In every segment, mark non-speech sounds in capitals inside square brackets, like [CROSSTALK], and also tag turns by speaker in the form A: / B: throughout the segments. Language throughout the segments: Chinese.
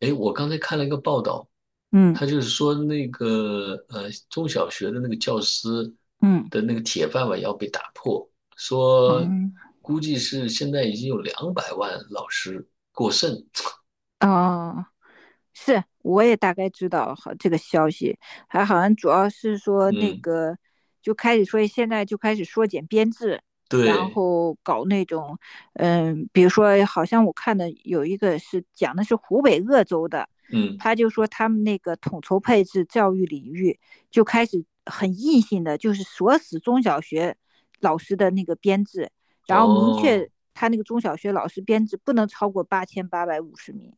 A: 哎，我刚才看了一个报道，
B: 嗯
A: 他就是说那个中小学的那个教师
B: 嗯
A: 的那个铁饭碗要被打破，说
B: 嗯，
A: 估计是现在已经有两百万老师过剩。
B: 哦，是，我也大概知道好这个消息，还好像主要是说那
A: 嗯，
B: 个就开始说现在就开始缩减编制，然
A: 对，
B: 后搞那种，比如说好像我看的有一个是讲的是湖北鄂州的，
A: 嗯，
B: 他就说他们那个统筹配置教育领域就开始很硬性的，就是锁死中小学老师的那个编制，然后明
A: 哦
B: 确他那个中小学老师编制不能超过8,850名。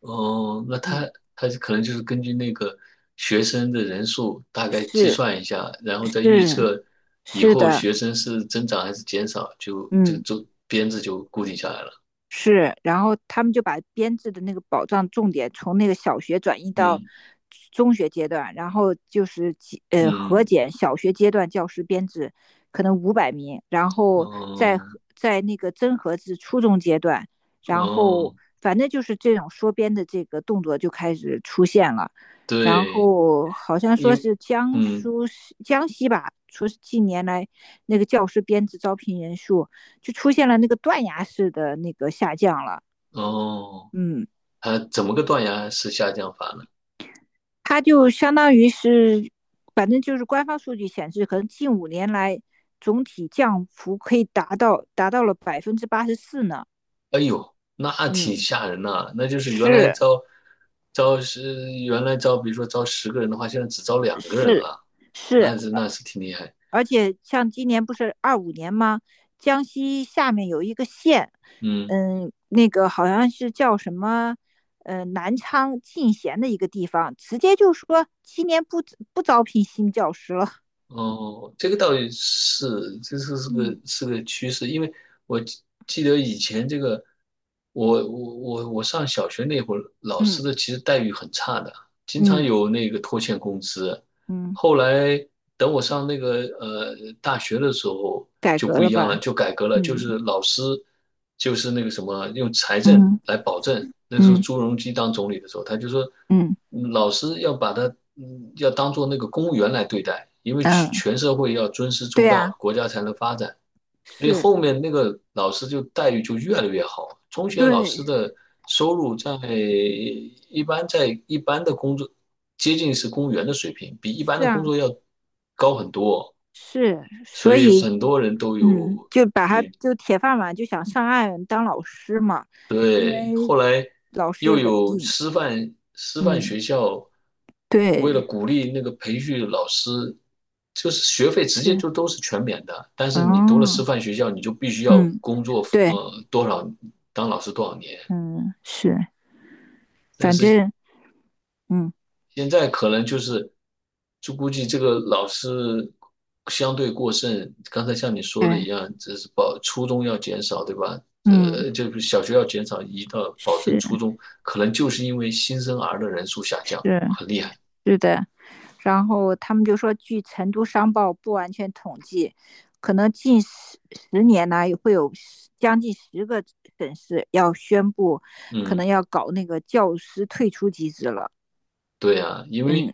A: 哦，那
B: 嗯。
A: 他他可能就是根据那个学生的人数大概计
B: 是
A: 算一下，然后再预
B: 是
A: 测以
B: 是
A: 后
B: 的。
A: 学生是增长还是减少，就这个
B: 嗯，
A: 周编制就固定下来了。
B: 是，然后他们就把编制的那个保障重点从那个小学转移到
A: 嗯
B: 中学阶段，然后就是核
A: 嗯。
B: 减小学阶段教师编制可能500名，然后再
A: 哦
B: 核在那个增核至初中阶段，然后
A: 哦，
B: 反正就是这种缩编的这个动作就开始出现了。然
A: 对，
B: 后好像说
A: 因
B: 是
A: 嗯
B: 江西吧，说是近年来那个教师编制招聘人数就出现了那个断崖式的那个下降了。
A: 哦，
B: 嗯，
A: 它怎么个断崖式下降法呢？
B: 它就相当于是，反正就是官方数据显示，可能近五年来总体降幅可以达到了84%呢。
A: 那挺
B: 嗯，
A: 吓人呐、那就是原来
B: 是
A: 招是原来招，比如说招十个人的话，现在只招两个人
B: 是
A: 了，
B: 是，
A: 那是挺厉害。
B: 而且像今年不是25年吗？江西下面有一个县。
A: 嗯。
B: 那个好像是叫什么？南昌进贤的一个地方，直接就说今年不招聘新教师了。
A: 哦，这个倒也是，这是是个
B: 嗯
A: 是个趋势，因为我记得以前这个，我上小学那会儿，老
B: 嗯
A: 师的其实待遇很差的，经常
B: 嗯
A: 有那个拖欠工资，
B: 嗯，
A: 后来等我上那个大学的时候
B: 改
A: 就
B: 革
A: 不
B: 了
A: 一样了，
B: 吧？
A: 就改革了，就
B: 嗯
A: 是老师就是那个什么用财政
B: 嗯
A: 来保证。那时候
B: 嗯
A: 朱镕基当总理的时候，他就说，
B: 嗯
A: 老师要把他要当做那个公务员来对待，因为
B: 嗯，
A: 全社会要尊师重
B: 对啊，
A: 道，国家才能发展。所以
B: 是，
A: 后面那个老师就待遇就越来越好。中学老师
B: 对，
A: 的收入在一般的工作接近是公务员的水平，比一般
B: 是
A: 的工
B: 啊，
A: 作要高很多。
B: 是，
A: 所
B: 所
A: 以
B: 以
A: 很多人都有
B: 就把他
A: 去
B: 就铁饭碗，就想上岸当老师嘛，因
A: 对，
B: 为
A: 后来
B: 老师也
A: 又
B: 稳
A: 有
B: 定。
A: 师范
B: 嗯，
A: 学校，
B: 对，
A: 为了鼓励那个培训老师，就是学费直接
B: 是，
A: 就都是全免的。但是你读了师
B: 哦，
A: 范学校，你就必须要
B: 嗯，
A: 工作，
B: 对，
A: 多少当老师多少年。
B: 嗯，是，
A: 但
B: 反
A: 是
B: 正嗯，
A: 现在可能就是，就估计这个老师相对过剩，刚才像你说的一
B: 对，
A: 样，这是保初中要减少，对吧？
B: 嗯，
A: 就是小学要减少，移到保证初
B: 是
A: 中，可能就是因为新生儿的人数下降，
B: 是
A: 很厉害。
B: 是的，然后他们就说，据成都商报不完全统计，可能近十年呢，会有将近十个省市要宣布，可
A: 嗯。
B: 能要搞那个教师退出机制了。
A: 对啊，因
B: 嗯
A: 为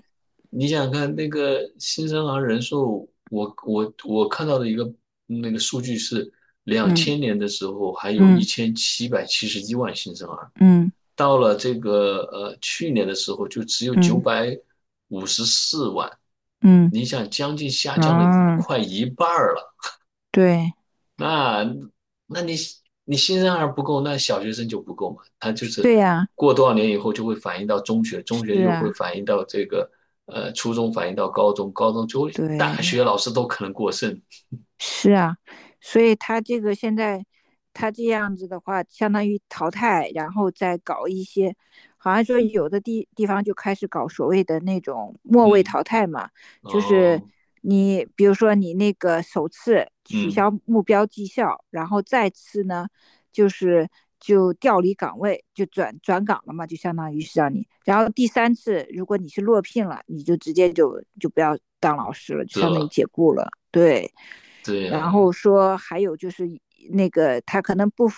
A: 你想想看，那个新生儿人数，我看到的一个那个数据是，两
B: 嗯
A: 千年的时候还有一
B: 嗯
A: 千七百七十一万新生儿，
B: 嗯
A: 到了这个去年的时候就只有九
B: 嗯
A: 百五十四万，
B: 嗯，
A: 你想将近下降了一
B: 啊，
A: 快一半儿了。
B: 对
A: 那那你新生儿不够，那小学生就不够嘛？他就是
B: 对呀、
A: 过多少年以后就会反映到中学，中
B: 是
A: 学就会
B: 啊，
A: 反映到这个初中，反映到高中，高中就会大学
B: 对。
A: 老师都可能过剩。
B: 是啊，所以他这个现在他这样子的话，相当于淘汰，然后再搞一些，好像说有的地方就开始搞所谓的那种末位
A: 嗯，
B: 淘汰嘛，就是
A: 哦，
B: 你比如说你那个首次取
A: 嗯，
B: 消目标绩效，然后再次呢就是就调离岗位，就转岗了嘛，就相当于是让你，然后第三次如果你是落聘了，你就直接就不要当老师了，就
A: 是
B: 相当于
A: 了，
B: 解雇了，对。
A: 对
B: 然
A: 呀，
B: 后说还有就是那个他可能不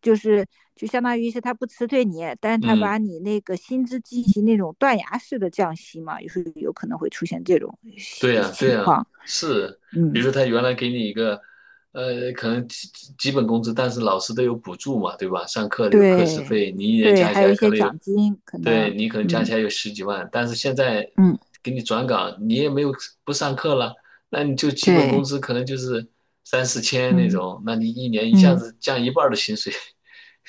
B: 就是就相当于是他不辞退你，但是他把
A: 嗯。
B: 你那个薪资进行那种断崖式的降息嘛，有时候有可能会出现这种
A: 对呀，对
B: 情
A: 呀，
B: 况。
A: 是，比
B: 嗯，
A: 如说他原来给你一个，可能基本工资，但是老师都有补助嘛，对吧？上课的有课时
B: 对
A: 费，你一年
B: 对，
A: 加
B: 还
A: 起
B: 有一
A: 来可
B: 些
A: 能有，
B: 奖金可能，
A: 对，你可能加
B: 嗯
A: 起来有十几万，但是现在
B: 嗯，
A: 给你转岗，你也没有不上课了，那你就基本工
B: 对，
A: 资可能就是三四千那
B: 嗯
A: 种，那你一年一下
B: 嗯
A: 子降一半儿的薪水，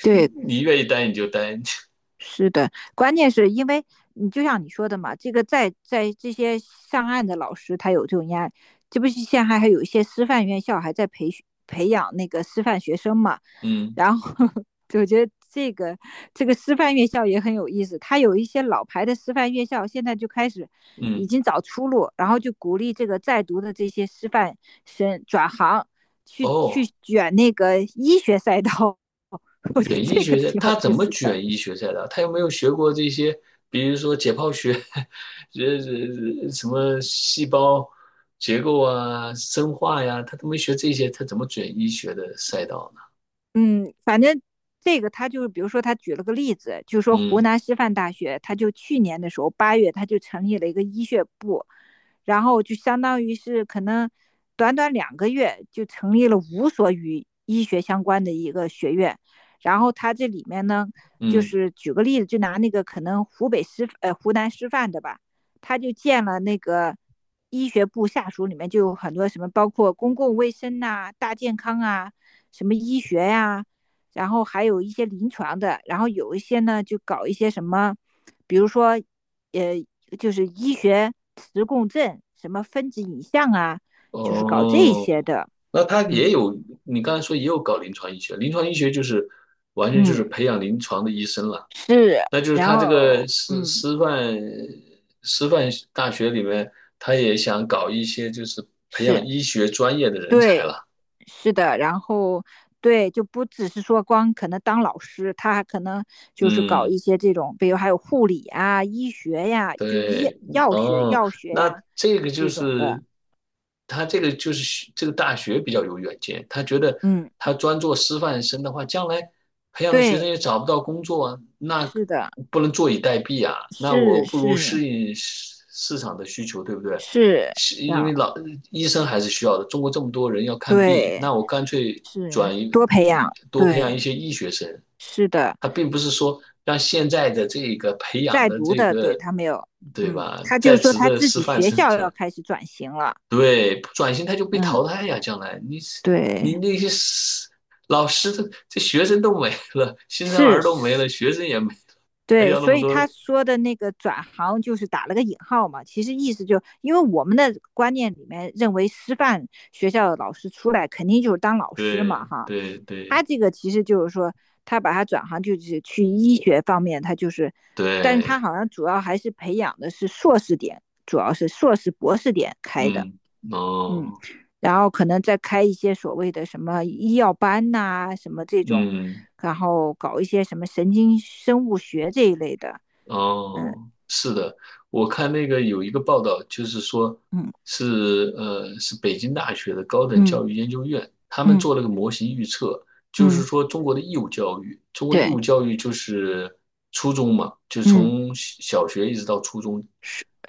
B: 对，
A: 你愿意待你就待，[LAUGHS]
B: 是的，关键是因为你就像你说的嘛，这个在这些上岸的老师，他有这种压力。这不是现在还有一些师范院校还在培训培养那个师范学生嘛？
A: 嗯
B: 然后 [LAUGHS] 我觉得这个师范院校也很有意思，他有一些老牌的师范院校现在就开始已
A: 嗯，
B: 经找出路，然后就鼓励这个在读的这些师范生转行去
A: 哦，
B: 卷那个医学赛道。[LAUGHS] 我觉得
A: 卷医
B: 这个
A: 学赛，
B: 挺有
A: 他怎
B: 意
A: 么
B: 思的。
A: 卷医学赛的？他有没有学过这些，比如说解剖学，[LAUGHS] 这什么细胞结构啊、生化呀，他都没学这些，他怎么卷医学的赛道呢？
B: 嗯，反正这个他就是，比如说他举了个例子，就说湖
A: 嗯
B: 南师范大学，他就去年的时候八月，他就成立了一个医学部，然后就相当于是可能短短2个月就成立了5所与医学相关的一个学院，然后他这里面呢，就
A: 嗯，
B: 是举个例子，就拿那个可能湖南师范的吧，他就建了那个医学部下属里面就有很多什么，包括公共卫生呐、大健康啊。什么医学呀、然后还有一些临床的，然后有一些呢就搞一些什么，比如说，呃，就是医学磁共振、什么分子影像啊，就是搞这些
A: 哦，
B: 的。
A: 那他也
B: 嗯
A: 有，你刚才说也有搞临床医学，临床医学就是完全就是
B: 嗯，
A: 培养临床的医生了。
B: 是，
A: 那就是
B: 然
A: 他这个
B: 后
A: 师
B: 嗯
A: 师范师范大学里面，他也想搞一些就是培
B: 是
A: 养医学专业的人才
B: 对，
A: 了。
B: 是的，然后对，就不只是说光可能当老师，他还可能就是搞
A: 嗯。
B: 一些这种，比如还有护理啊、医学呀、就医
A: 对，
B: 药学、
A: 哦，
B: 药学
A: 那
B: 呀、
A: 这个就
B: 这种
A: 是
B: 的。
A: 他这个就是学这个大学比较有远见，他觉得
B: 嗯，
A: 他专做师范生的话，将来培养的学生
B: 对，
A: 也找不到工作啊，那
B: 是的，
A: 不能坐以待毙啊，那
B: 是
A: 我不如
B: 是
A: 适应市场的需求，对不对？
B: 是，
A: 是
B: 这
A: 因
B: 样
A: 为老医生还是需要的，中国这么多人要看病，
B: 对，
A: 那我干脆
B: 是
A: 转移
B: 多培养，
A: 多培养一
B: 对，
A: 些医学生，
B: 是的，
A: 它并不是说让现在的这个培养
B: 在
A: 的
B: 读
A: 这
B: 的，对
A: 个，
B: 他没有，
A: 对
B: 嗯，
A: 吧，
B: 他就
A: 在
B: 说
A: 职
B: 他
A: 的
B: 自
A: 师
B: 己
A: 范
B: 学
A: 生
B: 校要
A: 转，
B: 开始转型了，
A: 对，不转型他就被淘
B: 嗯，
A: 汰呀，将来你
B: 对，
A: 那些老师的这学生都没了，新生
B: 是
A: 儿都没
B: 是，
A: 了，学生也没，还
B: 对，
A: 要那
B: 所
A: 么
B: 以他
A: 多，
B: 说的那个转行就是打了个引号嘛，其实意思就因为我们的观念里面认为师范学校的老师出来肯定就是当老师嘛，
A: 对
B: 哈，
A: 对对
B: 他这个其实就是说，他把他转行就是去医学方面，他就是，但是他
A: 对，
B: 好像主要还是培养的是硕士点，主要是硕士博士点开的，
A: 嗯，
B: 嗯，
A: 哦，
B: 然后可能再开一些所谓的什么医药班呐、什么这种，
A: 嗯。
B: 然后搞一些什么神经生物学这一类的，嗯
A: 哦，是的，我看那个有一个报道，就是说
B: 嗯
A: 是北京大学的高等
B: 嗯
A: 教育研究院，他们
B: 嗯
A: 做了个模型预测，就是
B: 嗯，
A: 说中国的义务教育，中国义
B: 对，
A: 务教育就是初中嘛，就是
B: 嗯
A: 从小学一直到初中，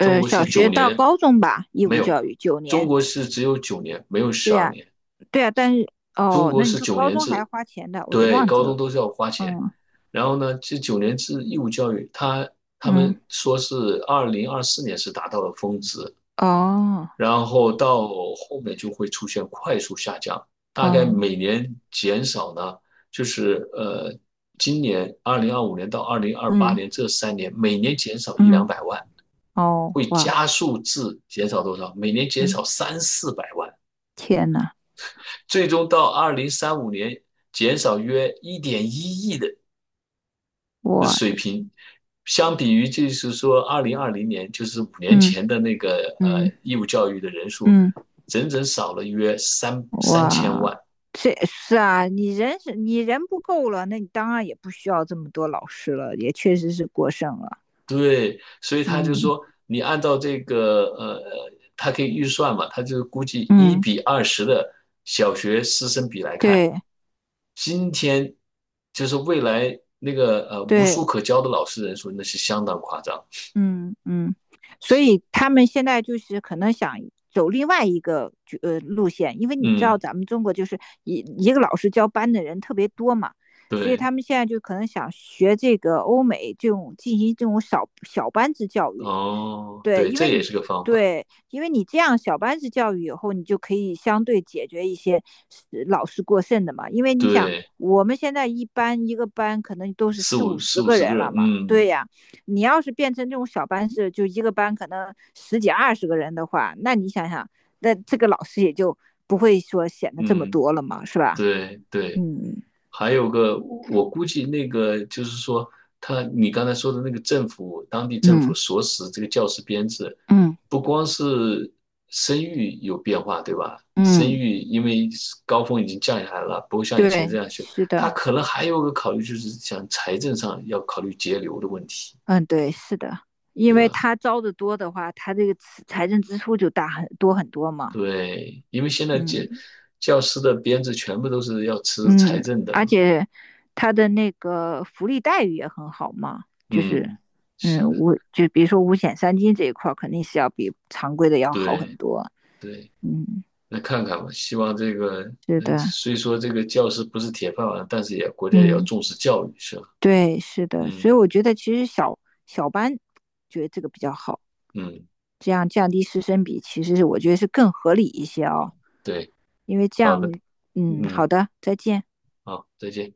A: 中国
B: 小
A: 是
B: 学
A: 九
B: 到
A: 年，
B: 高中吧，义
A: 没
B: 务
A: 有，
B: 教育九
A: 中
B: 年，
A: 国是只有九年，没有十
B: 对呀、
A: 二
B: 啊
A: 年。
B: 对啊，但是
A: 中
B: 哦，
A: 国
B: 那你
A: 是
B: 说
A: 九
B: 高
A: 年
B: 中还要
A: 制，
B: 花钱的，我都
A: 对，
B: 忘记
A: 高中
B: 了。
A: 都是要花钱。
B: 嗯
A: 然后呢，这九年制义务教育，他他
B: 嗯，
A: 们说是2024年是达到了峰值，
B: 哦，
A: 然后到后面就会出现快速下降，大概
B: 哦
A: 每年减少呢，就是呃，今年2025年到二零二八
B: 嗯
A: 年这3年，每年减少一两
B: 嗯，
A: 百万，
B: 哦
A: 会
B: 哇，
A: 加速至减少多少？每年减少
B: 嗯，
A: 三四百万。
B: 天呐，
A: 最终到2035年减少约1.1亿的水
B: 我
A: 平，相比于就是说2020年，就是五年
B: 嗯
A: 前的那个
B: 嗯
A: 义务教育的人数，
B: 嗯，
A: 整整少了约三三千
B: 哇，
A: 万。
B: 这是啊，你人不够了，那你当然也不需要这么多老师了，也确实是过剩了。
A: 对，所以他就
B: 嗯
A: 说，你按照这个他可以预算嘛，他就估计一
B: 嗯，
A: 比二十的小学师生比来看，
B: 对
A: 今天就是未来那个无
B: 对，
A: 书可教的老师人数，那是相当夸张。
B: 嗯嗯，所以他们现在就是可能想走另外一个路线，因为你知道
A: 嗯，
B: 咱们中国就是一个老师教班的人特别多嘛，所以
A: 对，
B: 他们现在就可能想学这个欧美这种进行这种小班制教育，
A: 哦，
B: 对，
A: 对，
B: 因
A: 这
B: 为
A: 也
B: 你
A: 是个方法。
B: 这样小班制教育以后，你就可以相对解决一些是老师过剩的嘛。因为你想，
A: 对，
B: 我们现在一个班可能都是四五十
A: 四五
B: 个
A: 十
B: 人
A: 个
B: 了
A: 人，
B: 嘛。对
A: 嗯
B: 呀，你要是变成这种小班制，就一个班可能十几二十个人的话，那你想想，那这个老师也就不会说显得这么
A: 嗯，
B: 多了嘛，是吧？
A: 对对。
B: 嗯
A: 还有个，我估计那个就是说，他你刚才说的那个政府，当地政府
B: 嗯
A: 所使这个教师编制，
B: 嗯
A: 不光是生育有变化，对吧？生
B: 嗯，
A: 育因为高峰已经降下来了，不会像以前这
B: 对，
A: 样去。
B: 是的。
A: 他可能还有个考虑，就是想财政上要考虑节流的问题，
B: 嗯，对，是的，因
A: 对
B: 为
A: 吧？
B: 他招的多的话，他这个财政支出就大很多很多嘛。
A: 对，因为现在
B: 嗯
A: 教师的编制全部都是要吃财
B: 嗯，
A: 政的
B: 而
A: 嘛。
B: 且他的那个福利待遇也很好嘛，就是
A: 嗯，是的，
B: 就比如说五险三金这一块儿肯定是要比常规的要好很
A: 对
B: 多。
A: 对。
B: 嗯，
A: 那看看吧，希望这个
B: 是的，
A: 虽说这个教师不是铁饭碗，但是也国家也要
B: 嗯，
A: 重视教育，是吧？
B: 对，是的，所
A: 嗯
B: 以我觉得其实小班觉得这个比较好，
A: 嗯，
B: 这样降低师生比，其实是我觉得是更合理一些哦，
A: 对，
B: 因为这
A: 好
B: 样，
A: 的，
B: 嗯，好
A: 嗯，
B: 的，再见。
A: 好，再见。